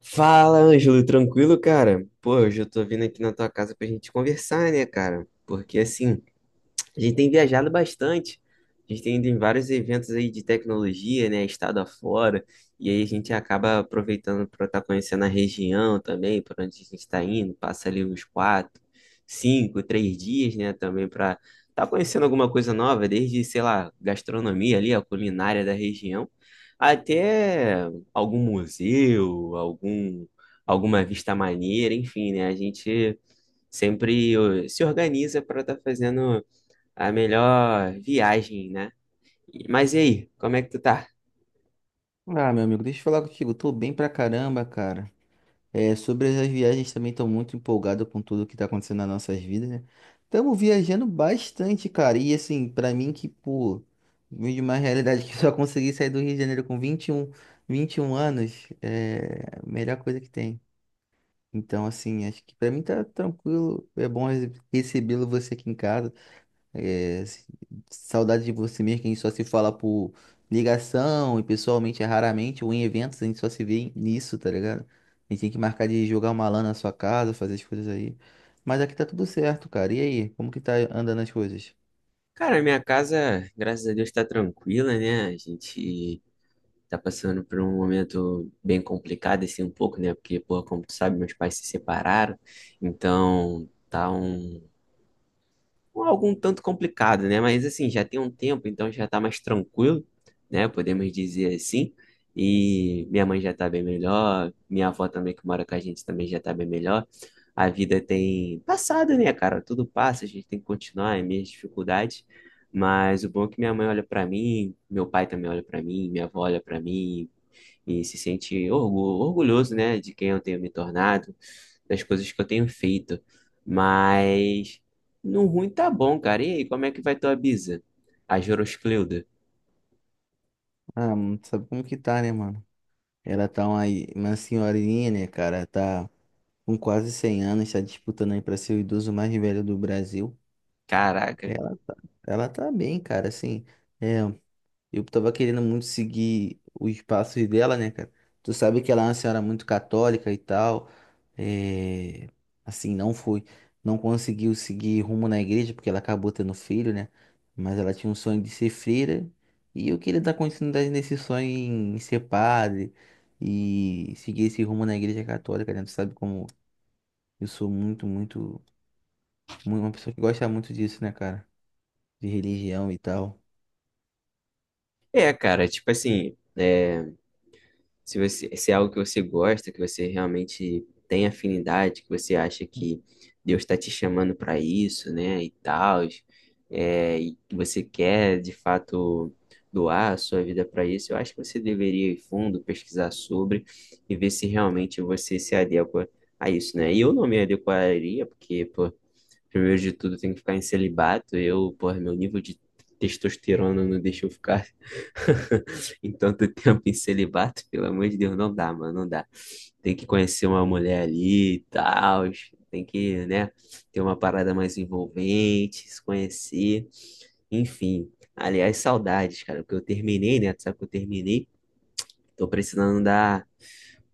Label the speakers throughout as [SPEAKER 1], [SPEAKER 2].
[SPEAKER 1] Fala, Ângelo, tranquilo, cara? Pô, hoje eu tô vindo aqui na tua casa pra gente conversar, né, cara? Porque assim, a gente tem viajado bastante. A gente tem ido em vários eventos aí de tecnologia, né? Estado afora. E aí a gente acaba aproveitando para estar conhecendo a região também, para onde a gente está indo. Passa ali uns quatro, cinco, três dias, né? Também para estar conhecendo alguma coisa nova, desde, sei lá, gastronomia ali, a culinária da região, até algum museu, alguma vista maneira, enfim, né? A gente sempre se organiza para estar fazendo a melhor viagem, né? Mas e aí, como é que tu tá?
[SPEAKER 2] Ah, meu amigo, deixa eu falar contigo. Eu tô bem pra caramba, cara. É, sobre as viagens também tô muito empolgado com tudo que tá acontecendo nas nossas vidas, né? Estamos viajando bastante, cara. E assim, pra mim que, pô, vim de uma realidade que só consegui sair do Rio de Janeiro com 21 anos, é a melhor coisa que tem. Então, assim, acho que pra mim tá tranquilo. É bom recebê-lo você aqui em casa. É, se- Saudade de você mesmo, que a gente só se fala por ligação e pessoalmente é raramente, ou em eventos, a gente só se vê nisso, tá ligado? A gente tem que marcar de jogar uma LAN na sua casa, fazer as coisas aí. Mas aqui tá tudo certo, cara. E aí, como que tá andando as coisas?
[SPEAKER 1] Cara, minha casa, graças a Deus, tá tranquila, né? A gente tá passando por um momento bem complicado, assim, um pouco, né? Porque, pô, como tu sabe, meus pais se separaram, então tá algo um tanto complicado, né? Mas assim, já tem um tempo, então já tá mais tranquilo, né? Podemos dizer assim. E minha mãe já tá bem melhor, minha avó também que mora com a gente também já tá bem melhor. A vida tem passado, né, cara? Tudo passa, a gente tem que continuar, é minhas dificuldades. Mas o bom é que minha mãe olha pra mim, meu pai também olha pra mim, minha avó olha pra mim, e se sente orgulhoso, né, de quem eu tenho me tornado, das coisas que eu tenho feito. Mas no ruim tá bom, cara. E aí, como é que vai tua bisa? A Joroscleuda.
[SPEAKER 2] Ah, mano, tu sabe como que tá, né, mano? Ela tá uma senhorinha, né, cara? Tá com quase 100 anos, tá disputando aí pra ser o idoso mais velho do Brasil.
[SPEAKER 1] Caraca.
[SPEAKER 2] Ela tá, ela tá bem, cara, assim. É Eu tava querendo muito seguir os passos dela, né, cara? Tu sabe que ela é uma senhora muito católica e tal. É... Assim, não conseguiu seguir rumo na igreja porque ela acabou tendo filho, né? Mas ela tinha um sonho de ser freira e eu queria dar continuidade nesse sonho em ser padre e seguir esse rumo na igreja católica, né? Tu sabe como eu sou muito, muito, muito uma pessoa que gosta muito disso, né, cara? De religião e tal.
[SPEAKER 1] É, cara, tipo assim, se se é algo que você gosta, que você realmente tem afinidade, que você acha que Deus está te chamando para isso, né, e tal, e que você quer de fato doar a sua vida para isso, eu acho que você deveria ir fundo, pesquisar sobre e ver se realmente você se adequa a isso, né? E eu não me adequaria, porque, pô, primeiro de tudo, tem que ficar em celibato. Eu, porra, meu nível de testosterona não deixa eu ficar em tanto tempo em celibato. Pelo amor de Deus, não dá, mano, não dá. Tem que conhecer uma mulher ali e tal. Tem que, né, ter uma parada mais envolvente, se conhecer. Enfim, aliás, saudades, cara, porque eu terminei, né? Tu sabe que eu terminei. Tô precisando dar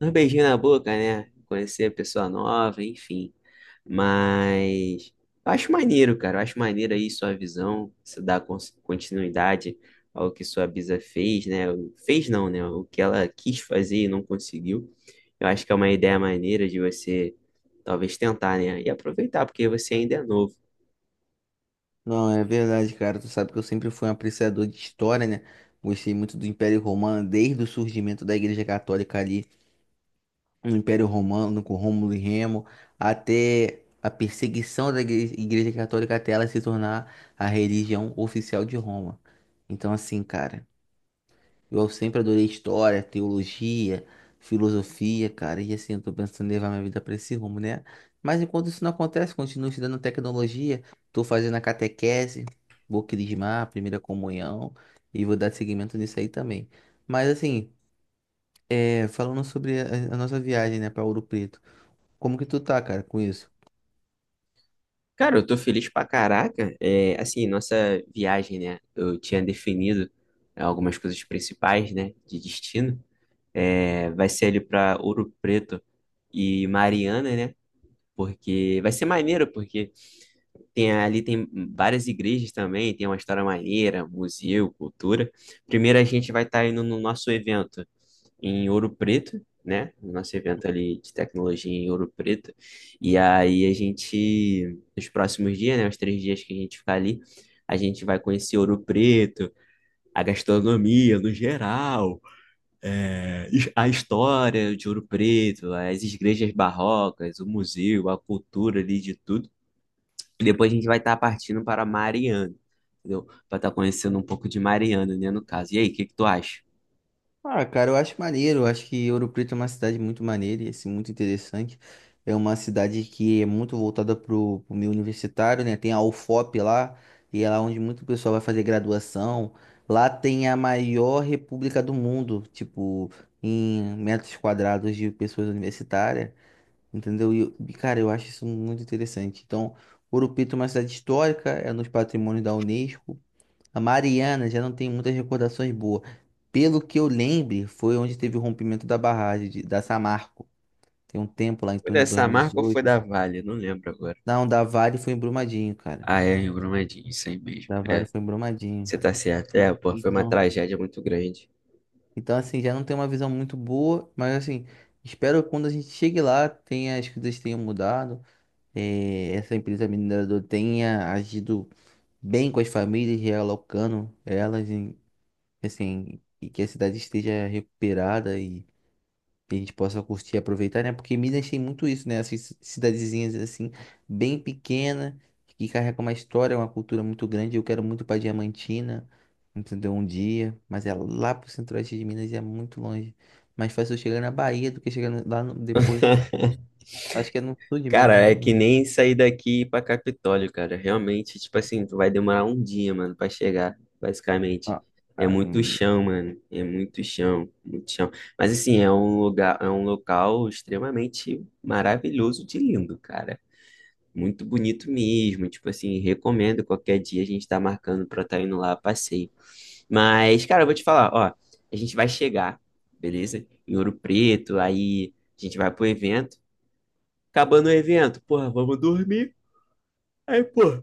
[SPEAKER 1] uns beijinhos na boca, né? Conhecer a pessoa nova, enfim. Mas eu acho maneiro, cara. Eu acho maneiro aí sua visão, você dar continuidade ao que sua bisa fez, né? Fez não, né? O que ela quis fazer e não conseguiu. Eu acho que é uma ideia maneira de você talvez tentar, né? E aproveitar, porque você ainda é novo.
[SPEAKER 2] Não, é verdade, cara. Tu sabe que eu sempre fui um apreciador de história, né? Gostei muito do Império Romano, desde o surgimento da Igreja Católica ali, no Império Romano, com Rômulo e Remo, até a perseguição da Igreja Católica até ela se tornar a religião oficial de Roma. Então, assim, cara. Eu sempre adorei história, teologia, filosofia, cara, e assim, eu tô pensando em levar minha vida para esse rumo, né? Mas enquanto isso não acontece, continuo estudando tecnologia, tô fazendo a catequese, vou crismar, a primeira comunhão, e vou dar seguimento nisso aí também. Mas assim, é, falando sobre a nossa viagem, né, para Ouro Preto, como que tu tá, cara, com isso?
[SPEAKER 1] Cara, eu tô feliz pra caraca. É, assim, nossa viagem, né? Eu tinha definido algumas coisas principais, né? De destino. É, vai ser ali para Ouro Preto e Mariana, né? Porque vai ser maneiro, porque tem várias igrejas também, tem uma história maneira, museu, cultura. Primeiro a gente vai estar indo no nosso evento em Ouro Preto, né? No nosso evento ali de tecnologia em Ouro Preto. E aí a gente, nos próximos dias, né? Os três dias que a gente ficar ali, a gente vai conhecer Ouro Preto, a gastronomia no geral. A história de Ouro Preto, as igrejas barrocas, o museu, a cultura ali de tudo. E depois a gente vai estar partindo para Mariana, entendeu? Para estar conhecendo um pouco de Mariana, né, no caso. E aí, o que que tu acha?
[SPEAKER 2] Ah, cara, eu acho maneiro. Eu acho que Ouro Preto é uma cidade muito maneira e assim, muito interessante. É uma cidade que é muito voltada pro meio universitário, né? Tem a UFOP lá, e é lá onde muito pessoal vai fazer graduação. Lá tem a maior república do mundo, tipo, em metros quadrados de pessoas universitárias, entendeu? E, cara, eu acho isso muito interessante. Então, Ouro Preto é uma cidade histórica, é nos patrimônios da Unesco. A Mariana já não tem muitas recordações boas. Pelo que eu lembre, foi onde teve o rompimento da da Samarco. Tem um tempo lá, em
[SPEAKER 1] Foi
[SPEAKER 2] torno de
[SPEAKER 1] dessa marca ou foi
[SPEAKER 2] 2018.
[SPEAKER 1] da Vale? Não lembro agora.
[SPEAKER 2] Não, da Vale foi em Brumadinho, cara.
[SPEAKER 1] Ah, é, em Brumadinho, isso aí mesmo.
[SPEAKER 2] Da Vale
[SPEAKER 1] É,
[SPEAKER 2] foi em Brumadinho.
[SPEAKER 1] você tá certo. É, pô, foi uma
[SPEAKER 2] Então,
[SPEAKER 1] tragédia muito grande.
[SPEAKER 2] então, assim, já não tem uma visão muito boa, mas assim, espero que quando a gente chegue lá, tenha, as coisas tenham mudado, essa empresa mineradora tenha agido bem com as famílias, realocando elas, em, assim, e que a cidade esteja recuperada e que a gente possa curtir e aproveitar, né? Porque Minas tem muito isso, né? Essas cidadezinhas assim, bem pequena, que carrega uma história, uma cultura muito grande. Eu quero muito para Diamantina, entendeu? Um dia, mas é lá pro centro-oeste de Minas e é muito longe. Mais fácil eu chegar na Bahia do que chegar no- lá no- depois. Acho que é no sul de
[SPEAKER 1] Cara,
[SPEAKER 2] Minas, né?
[SPEAKER 1] é que nem sair daqui e ir pra Capitólio, cara. Realmente, tipo assim, tu vai demorar um dia, mano, pra chegar, basicamente.
[SPEAKER 2] Ah,
[SPEAKER 1] É
[SPEAKER 2] ah,
[SPEAKER 1] muito chão, mano. É muito chão, muito chão. Mas assim, é um local extremamente maravilhoso de lindo, cara. Muito bonito mesmo. Tipo assim, recomendo qualquer dia a gente tá marcando pra tá indo lá a passeio. Mas, cara, eu vou te falar, ó, a gente vai chegar, beleza? Em Ouro Preto, aí a gente vai pro evento acabando o evento, porra, vamos dormir. Aí, pô,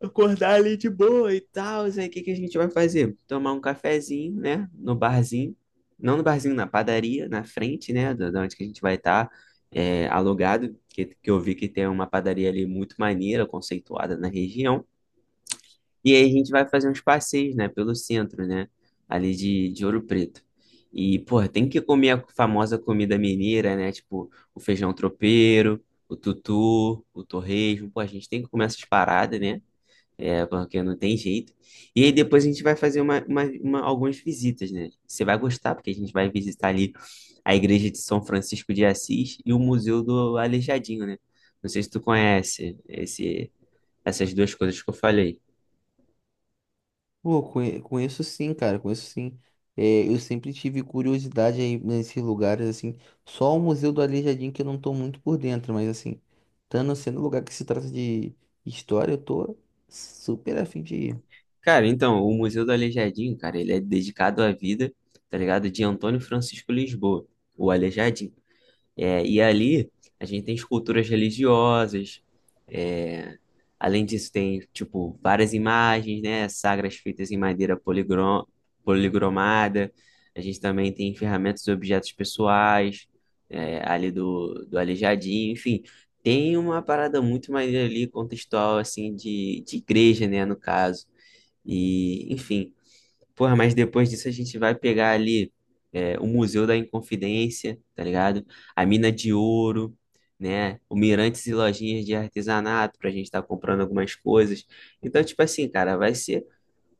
[SPEAKER 1] acordar ali de boa e tal. Aí, o que que a gente vai fazer? Tomar um cafezinho, né? No barzinho. Não no barzinho, na padaria, na frente, né? Da onde que a gente vai estar alugado. Que eu vi que tem uma padaria ali muito maneira, conceituada na região. E aí a gente vai fazer uns passeios, né, pelo centro, né, ali de Ouro Preto. E, porra, tem que comer a famosa comida mineira, né, tipo o feijão tropeiro, o tutu, o torresmo. Pô, a gente tem que comer essas paradas, né, porque não tem jeito. E aí depois a gente vai fazer algumas visitas, né. Você vai gostar, porque a gente vai visitar ali a Igreja de São Francisco de Assis e o Museu do Aleijadinho, né. Não sei se tu conhece essas duas coisas que eu falei.
[SPEAKER 2] Pô, conheço sim, cara, conheço sim. É, eu sempre tive curiosidade aí nesses lugares, assim. Só o Museu do Aleijadinho que eu não tô muito por dentro, mas assim, estando sendo um lugar que se trata de história, eu tô super afim de ir.
[SPEAKER 1] Cara, então, o Museu do Aleijadinho, cara, ele é dedicado à vida, tá ligado? De Antônio Francisco Lisboa, o Aleijadinho. É, e ali a gente tem esculturas religiosas, é, além disso tem tipo várias imagens, né, sagras feitas em madeira poligrom policromada. A gente também tem ferramentas e objetos pessoais ali do Aleijadinho, enfim, tem uma parada muito maneira ali contextual assim de igreja, né, no caso. E enfim, porra, mas depois disso a gente vai pegar ali o Museu da Inconfidência, tá ligado? A Mina de Ouro, né? O Mirantes e lojinhas de artesanato pra gente estar comprando algumas coisas. Então, tipo assim, cara, vai ser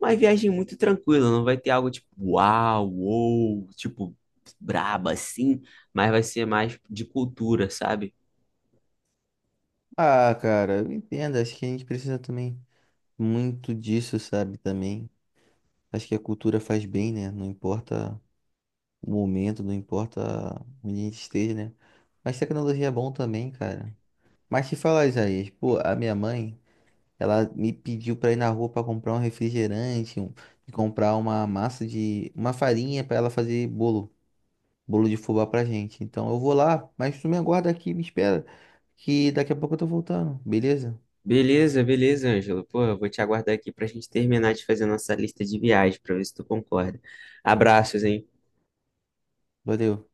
[SPEAKER 1] uma viagem muito tranquila, não vai ter algo tipo uau, uou, tipo braba assim, mas vai ser mais de cultura, sabe?
[SPEAKER 2] Ah, cara, eu entendo, acho que a gente precisa também muito disso, sabe, também. Acho que a cultura faz bem, né? Não importa o momento, não importa onde a gente esteja, né? Mas tecnologia é bom também, cara. Mas te falar, Isaías, pô, a minha mãe. Ela me pediu para ir na rua para comprar um refrigerante, um, e comprar uma massa uma farinha para ela fazer bolo, bolo de fubá pra gente. Então eu vou lá, mas tu me aguarda aqui, me espera, que daqui a pouco eu tô voltando, beleza?
[SPEAKER 1] Beleza, beleza, Ângelo. Pô, eu vou te aguardar aqui pra gente terminar de fazer nossa lista de viagens, pra ver se tu concorda. Abraços, hein?
[SPEAKER 2] Valeu.